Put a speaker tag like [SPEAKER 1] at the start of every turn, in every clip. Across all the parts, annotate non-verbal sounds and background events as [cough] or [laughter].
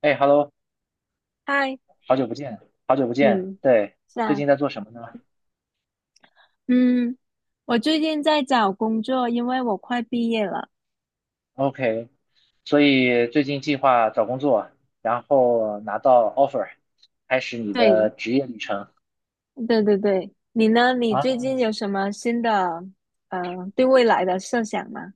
[SPEAKER 1] 哎，Hello，
[SPEAKER 2] 嗨，
[SPEAKER 1] 好久不见，好久不见。
[SPEAKER 2] 嗯，
[SPEAKER 1] 对，
[SPEAKER 2] 是
[SPEAKER 1] 最
[SPEAKER 2] 啊，
[SPEAKER 1] 近在做什么呢
[SPEAKER 2] 嗯，我最近在找工作，因为我快毕业了。
[SPEAKER 1] ？OK，所以最近计划找工作，然后拿到 offer，开始你
[SPEAKER 2] 对，
[SPEAKER 1] 的职业旅程。
[SPEAKER 2] 对对对，你呢？你最
[SPEAKER 1] 啊，
[SPEAKER 2] 近有什么新的对未来的设想吗？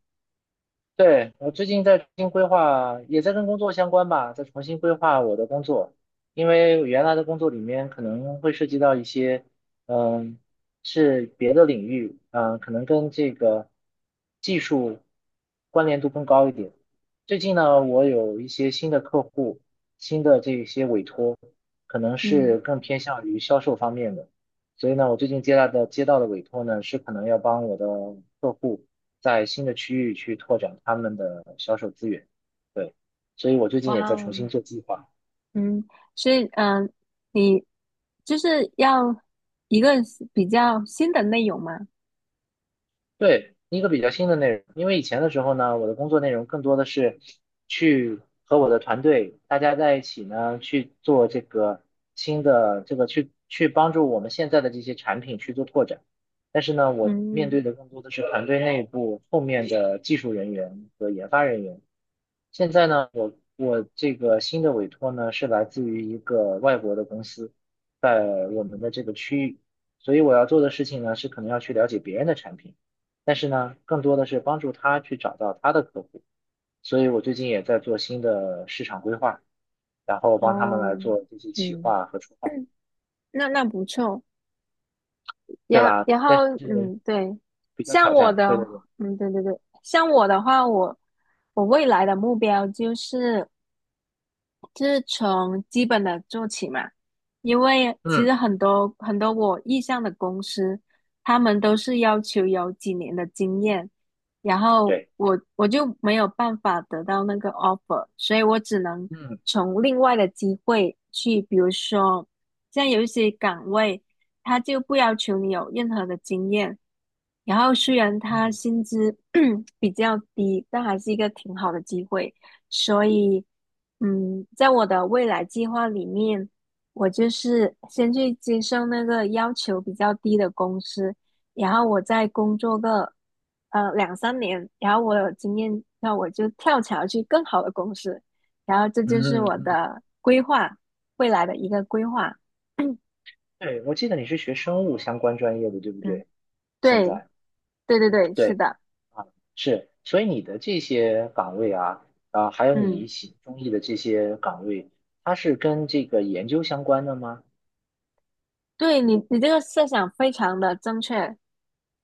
[SPEAKER 1] 对，我最近在重新规划，也在跟工作相关吧，在重新规划我的工作，因为原来的工作里面可能会涉及到一些，嗯，是别的领域，可能跟这个技术关联度更高一点。最近呢，我有一些新的客户，新的这些委托，可能
[SPEAKER 2] 嗯，
[SPEAKER 1] 是更偏向于销售方面的。所以呢，我最近接到的委托呢，是可能要帮我的客户在新的区域去拓展他们的销售资源。对，所以我最近也
[SPEAKER 2] 哇
[SPEAKER 1] 在
[SPEAKER 2] 哦，
[SPEAKER 1] 重新做计划。
[SPEAKER 2] 嗯，所以你就是要一个比较新的内容吗？
[SPEAKER 1] 对，一个比较新的内容，因为以前的时候呢，我的工作内容更多的是去和我的团队大家在一起呢，去做这个新的这个去帮助我们现在的这些产品去做拓展。但是呢，我面对
[SPEAKER 2] 嗯，
[SPEAKER 1] 的更多的是团队内部后面的技术人员和研发人员。现在呢，我这个新的委托呢是来自于一个外国的公司，在我们的这个区域，所以我要做的事情呢是可能要去了解别人的产品，但是呢，更多的是帮助他去找到他的客户，所以我最近也在做新的市场规划，然后帮他们来
[SPEAKER 2] 哦，
[SPEAKER 1] 做这些企
[SPEAKER 2] 嗯。
[SPEAKER 1] 划和策划。
[SPEAKER 2] 那不错。
[SPEAKER 1] 对
[SPEAKER 2] 然
[SPEAKER 1] 啦，
[SPEAKER 2] 然
[SPEAKER 1] 但
[SPEAKER 2] 后，
[SPEAKER 1] 是
[SPEAKER 2] 对，
[SPEAKER 1] 比较
[SPEAKER 2] 像
[SPEAKER 1] 挑
[SPEAKER 2] 我
[SPEAKER 1] 战。
[SPEAKER 2] 的，
[SPEAKER 1] 对对对，
[SPEAKER 2] 对对对，像我的话，我未来的目标就是从基本的做起嘛，因为其
[SPEAKER 1] 嗯，
[SPEAKER 2] 实很多很多我意向的公司，他们都是要求有几年的经验，然后
[SPEAKER 1] 对，
[SPEAKER 2] 我就没有办法得到那个 offer，所以我只能
[SPEAKER 1] 嗯
[SPEAKER 2] 从另外的机会去，比如说像有一些岗位，他就不要求你有任何的经验，然后虽然他
[SPEAKER 1] 嗯
[SPEAKER 2] 薪资 [clears throat] 比较低，但还是一个挺好的机会。所以，在我的未来计划里面，我就是先去接受那个要求比较低的公司，然后我再工作个两三年，然后我有经验，那我就跳槽去更好的公司，然后这就是
[SPEAKER 1] 嗯嗯，
[SPEAKER 2] 我
[SPEAKER 1] 嗯，
[SPEAKER 2] 的规划，未来的一个规划。[clears throat]
[SPEAKER 1] 对，我记得你是学生物相关专业的，对不
[SPEAKER 2] 嗯，
[SPEAKER 1] 对？现
[SPEAKER 2] 对，
[SPEAKER 1] 在。
[SPEAKER 2] 对对对，是
[SPEAKER 1] 对。
[SPEAKER 2] 的，
[SPEAKER 1] 啊，是，所以你的这些岗位啊，啊，还有你
[SPEAKER 2] 嗯，
[SPEAKER 1] 喜中意的这些岗位，它是跟这个研究相关的吗？
[SPEAKER 2] 对，你这个设想非常的正确。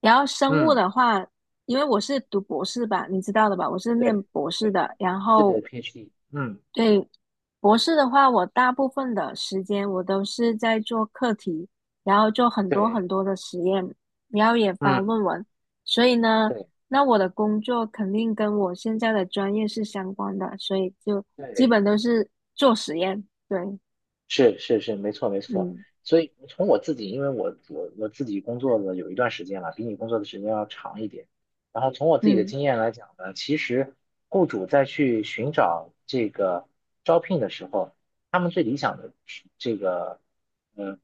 [SPEAKER 2] 然后生物
[SPEAKER 1] 嗯，
[SPEAKER 2] 的话，因为我是读博士吧，你知道的吧，我是念
[SPEAKER 1] 对，
[SPEAKER 2] 博士
[SPEAKER 1] 对，
[SPEAKER 2] 的。然
[SPEAKER 1] 是
[SPEAKER 2] 后
[SPEAKER 1] PhD，嗯，
[SPEAKER 2] 对，博士的话，我大部分的时间我都是在做课题，然后做很多
[SPEAKER 1] 对，
[SPEAKER 2] 很多的实验，然后也发
[SPEAKER 1] 嗯，
[SPEAKER 2] 论文。所以呢，
[SPEAKER 1] 对，
[SPEAKER 2] 那我的工作肯定跟我现在的专业是相关的，所以就基
[SPEAKER 1] 对。
[SPEAKER 2] 本都是做实验。对，
[SPEAKER 1] 是是是，没错没错。
[SPEAKER 2] 嗯
[SPEAKER 1] 所以从我自己，因为我自己工作了有一段时间了，比你工作的时间要长一点。然后从我自己的
[SPEAKER 2] 嗯
[SPEAKER 1] 经验来讲呢，其实雇主在去寻找这个招聘的时候，他们最理想的这个嗯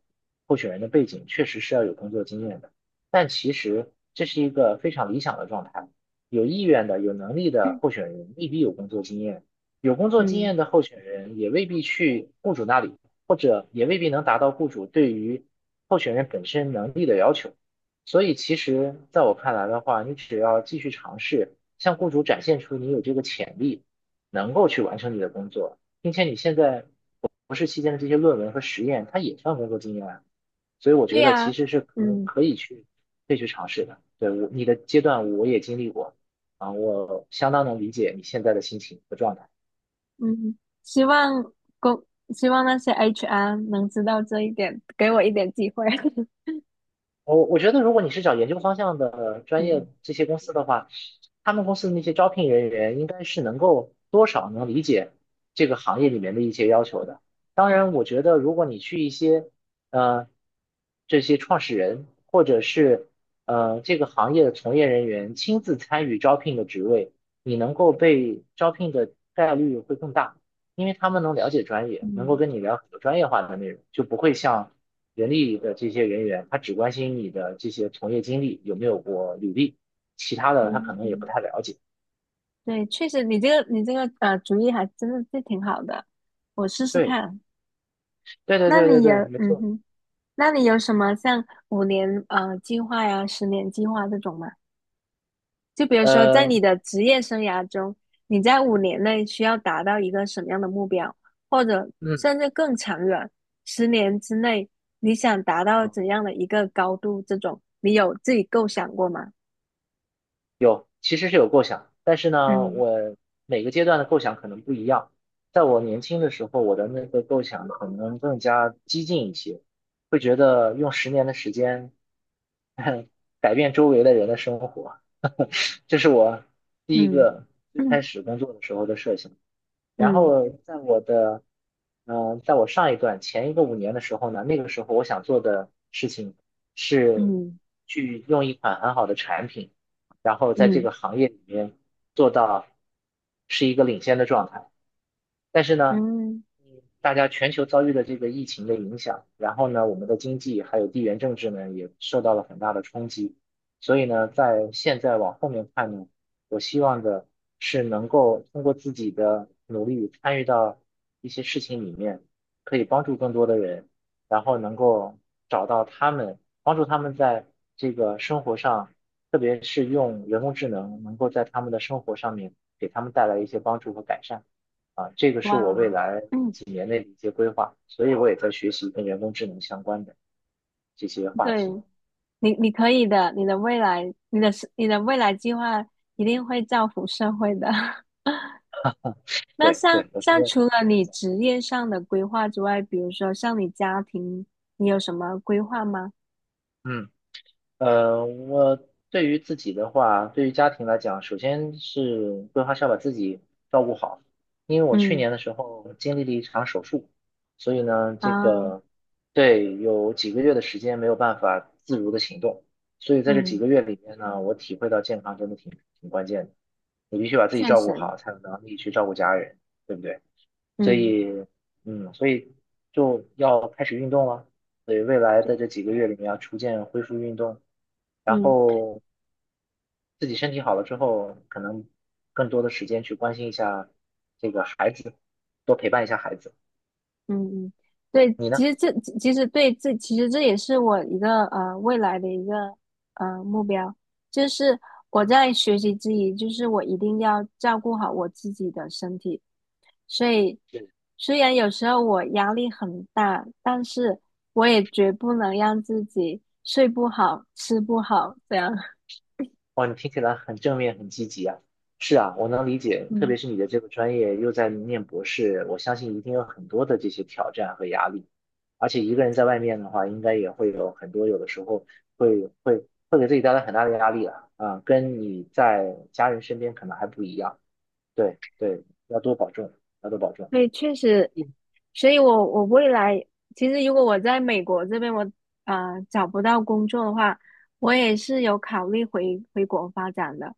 [SPEAKER 1] 候选人的背景确实是要有工作经验的，但其实这是一个非常理想的状态。有意愿的、有能力的候选人未必有工作经验。有工作经
[SPEAKER 2] 嗯，
[SPEAKER 1] 验的候选人也未必去雇主那里，或者也未必能达到雇主对于候选人本身能力的要求。所以，其实在我看来的话，你只要继续尝试，向雇主展现出你有这个潜力，能够去完成你的工作，并且你现在博士期间的这些论文和实验，它也算工作经验啊。所以，我
[SPEAKER 2] 对
[SPEAKER 1] 觉得其
[SPEAKER 2] 呀，
[SPEAKER 1] 实是可
[SPEAKER 2] 嗯。
[SPEAKER 1] 可以去可以去尝试的。对，我，你的阶段我也经历过啊，我相当能理解你现在的心情和状态。
[SPEAKER 2] 嗯，希望公，希望那些 HR 能知道这一点，给我一点机会。[laughs]
[SPEAKER 1] 我觉得，如果你是找研究方向的专业
[SPEAKER 2] 嗯
[SPEAKER 1] 这些公司的话，他们公司的那些招聘人员应该是能够多少能理解这个行业里面的一些要求的。当然，我觉得如果你去一些呃这些创始人或者是这个行业的从业人员亲自参与招聘的职位，你能够被招聘的概率会更大，因为他们能了解专业，能够
[SPEAKER 2] 嗯
[SPEAKER 1] 跟你聊很多专业化的内容，就不会像，人力的这些人员，他只关心你的这些从业经历有没有过履历，其他的他可
[SPEAKER 2] 嗯，
[SPEAKER 1] 能也不
[SPEAKER 2] 嗯，
[SPEAKER 1] 太了解。
[SPEAKER 2] 对，确实，你这个主意还真的是挺好的，我试试
[SPEAKER 1] 对，
[SPEAKER 2] 看。
[SPEAKER 1] 对对
[SPEAKER 2] 那
[SPEAKER 1] 对对
[SPEAKER 2] 你有
[SPEAKER 1] 对，没
[SPEAKER 2] 嗯
[SPEAKER 1] 错。
[SPEAKER 2] 哼，那你有什么像五年计划呀、十年计划这种吗？就比如说，在
[SPEAKER 1] 呃，
[SPEAKER 2] 你的职业生涯中，你在五年内需要达到一个什么样的目标，或者
[SPEAKER 1] 嗯，
[SPEAKER 2] 甚至更长远，十年之内你想达到
[SPEAKER 1] 嗯
[SPEAKER 2] 怎样的一个高度？这种你有自己构想过吗？
[SPEAKER 1] 有，其实是有构想，但是呢，
[SPEAKER 2] 嗯
[SPEAKER 1] 我每个阶段的构想可能不一样。在我年轻的时候，我的那个构想可能更加激进一些，会觉得用10年的时间 [laughs] 改变周围的人的生活，[laughs] 这是我第一
[SPEAKER 2] 嗯
[SPEAKER 1] 个最
[SPEAKER 2] 嗯
[SPEAKER 1] 开始工作的时候的设想。然
[SPEAKER 2] 嗯
[SPEAKER 1] 后在我的，在我上一段前一个5年的时候呢，那个时候我想做的事情是
[SPEAKER 2] 嗯
[SPEAKER 1] 去用一款很好的产品，然后在这
[SPEAKER 2] 嗯
[SPEAKER 1] 个行业里面做到是一个领先的状态。但是呢，
[SPEAKER 2] 嗯，
[SPEAKER 1] 大家全球遭遇的这个疫情的影响，然后呢，我们的经济还有地缘政治呢也受到了很大的冲击，所以呢，在现在往后面看呢，我希望的是能够通过自己的努力参与到一些事情里面，可以帮助更多的人，然后能够找到他们，帮助他们在这个生活上，特别是用人工智能，能够在他们的生活上面给他们带来一些帮助和改善。啊，这个是
[SPEAKER 2] 哇
[SPEAKER 1] 我
[SPEAKER 2] 哦，
[SPEAKER 1] 未来
[SPEAKER 2] 嗯，
[SPEAKER 1] 几年内的一些规划，所以我也在学习跟人工智能相关的这些话
[SPEAKER 2] 对，
[SPEAKER 1] 题。
[SPEAKER 2] 你可以的，你的未来，你的未来计划一定会造福社会的。[laughs] 那
[SPEAKER 1] 对
[SPEAKER 2] 像
[SPEAKER 1] 对，我觉
[SPEAKER 2] 像
[SPEAKER 1] 得
[SPEAKER 2] 除了
[SPEAKER 1] 是
[SPEAKER 2] 你
[SPEAKER 1] 这样。
[SPEAKER 2] 职业上的规划之外，比如说像你家庭，你有什么规划吗？
[SPEAKER 1] 嗯。我对于自己的话，对于家庭来讲，首先是规划是要把自己照顾好，因为我去
[SPEAKER 2] 嗯
[SPEAKER 1] 年的时候经历了一场手术，所以呢，这
[SPEAKER 2] 啊，
[SPEAKER 1] 个对有几个月的时间没有办法自如的行动，所以在这几
[SPEAKER 2] 嗯，
[SPEAKER 1] 个月里面呢，我体会到健康真的挺关键的，你必须把自己
[SPEAKER 2] 确
[SPEAKER 1] 照顾
[SPEAKER 2] 实，
[SPEAKER 1] 好，才有能力去照顾家人，对不对？所
[SPEAKER 2] 嗯
[SPEAKER 1] 以，所以就要开始运动了。所以未来的这几个月里面要逐渐恢复运动，然
[SPEAKER 2] 嗯。
[SPEAKER 1] 后自己身体好了之后，可能更多的时间去关心一下这个孩子，多陪伴一下孩子。
[SPEAKER 2] 嗯嗯，对，
[SPEAKER 1] 你
[SPEAKER 2] 其
[SPEAKER 1] 呢？
[SPEAKER 2] 实这其实对这其实这也是我一个未来的一个目标，就是我在学习之余，就是我一定要照顾好我自己的身体。所以虽然有时候我压力很大，但是我也绝不能让自己睡不好、吃不好这样。[laughs]
[SPEAKER 1] 哇，你听起来很正面，很积极啊。是啊，我能理解，特
[SPEAKER 2] 嗯。
[SPEAKER 1] 别是你的这个专业又在念博士，我相信一定有很多的这些挑战和压力。而且一个人在外面的话，应该也会有很多，有的时候会给自己带来很大的压力了啊，跟你在家人身边可能还不一样。对对，要多保重，要多保重。
[SPEAKER 2] 对，确实，
[SPEAKER 1] 嗯
[SPEAKER 2] 所以我未来其实如果我在美国这边我找不到工作的话，我也是有考虑回国发展的，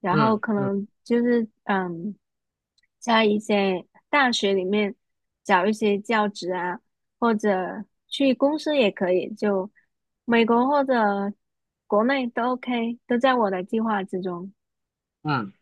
[SPEAKER 2] 然后
[SPEAKER 1] 嗯
[SPEAKER 2] 可
[SPEAKER 1] 嗯
[SPEAKER 2] 能就是在一些大学里面找一些教职啊，或者去公司也可以，就美国或者国内都 OK，都在我的计划之中。
[SPEAKER 1] 嗯。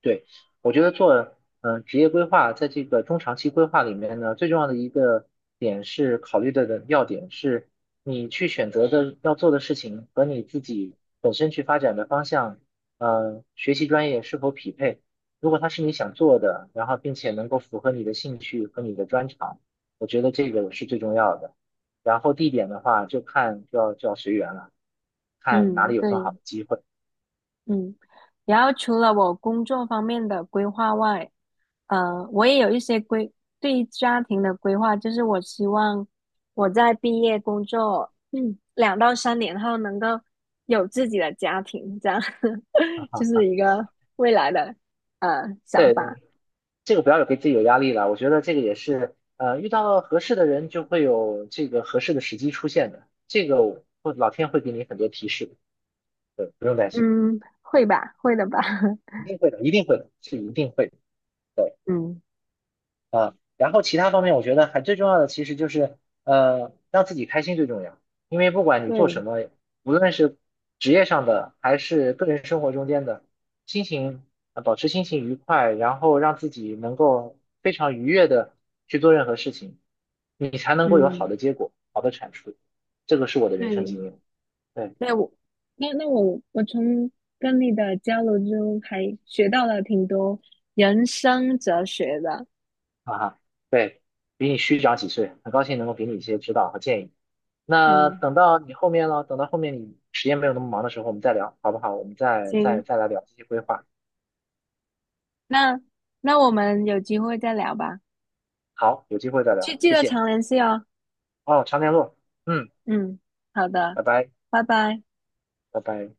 [SPEAKER 1] 对，我觉得做职业规划，在这个中长期规划里面呢，最重要的一个点是考虑的要点是，你去选择的要做的事情和你自己本身去发展的方向，学习专业是否匹配。如果它是你想做的，然后并且能够符合你的兴趣和你的专长，我觉得这个是最重要的。然后地点的话，就要随缘了，看哪
[SPEAKER 2] 嗯，
[SPEAKER 1] 里有更好
[SPEAKER 2] 对。
[SPEAKER 1] 的机会。
[SPEAKER 2] 嗯，然后除了我工作方面的规划外，呃，我也有一些规，对于家庭的规划，就是我希望我在毕业工作，2到3年后能够有自己的家庭，这样，[laughs] 就是一个未来的想
[SPEAKER 1] 对，
[SPEAKER 2] 法。
[SPEAKER 1] 这个不要有给自己有压力了。我觉得这个也是，遇到了合适的人，就会有这个合适的时机出现的。这个我会老天会给你很多提示的，对，不用担心，
[SPEAKER 2] 嗯，会吧，会的吧。
[SPEAKER 1] 一
[SPEAKER 2] [laughs]
[SPEAKER 1] 定会的，一定会的，是一定会的。对，
[SPEAKER 2] 嗯，
[SPEAKER 1] 然后其他方面，我觉得还最重要的其实就是，让自己开心最重要。因为不管你做
[SPEAKER 2] 对，
[SPEAKER 1] 什么，无论是职业上的还是个人生活中间的，心情，保持心情愉快，然后让自己能够非常愉悦的去做任何事情，你才能够有好
[SPEAKER 2] 嗯，
[SPEAKER 1] 的结果、好的产出。这个是我的人生
[SPEAKER 2] 对。
[SPEAKER 1] 经验。对，
[SPEAKER 2] 对我，那我从跟你的交流中还学到了挺多人生哲学的。
[SPEAKER 1] 哈哈，对，比你虚长几岁，很高兴能够给你一些指导和建议。那
[SPEAKER 2] 嗯，
[SPEAKER 1] 等到你后面了，等到后面你时间没有那么忙的时候，我们再聊，好不好？我们再再
[SPEAKER 2] 行，
[SPEAKER 1] 再来聊这些规划。
[SPEAKER 2] 那那我们有机会再聊吧，
[SPEAKER 1] 好，有机会再
[SPEAKER 2] 记
[SPEAKER 1] 聊，
[SPEAKER 2] 记
[SPEAKER 1] 谢
[SPEAKER 2] 得
[SPEAKER 1] 谢。
[SPEAKER 2] 常联系哦。
[SPEAKER 1] 哦，常联络，嗯，
[SPEAKER 2] 嗯，好的，
[SPEAKER 1] 拜拜，
[SPEAKER 2] 拜拜。
[SPEAKER 1] 拜拜。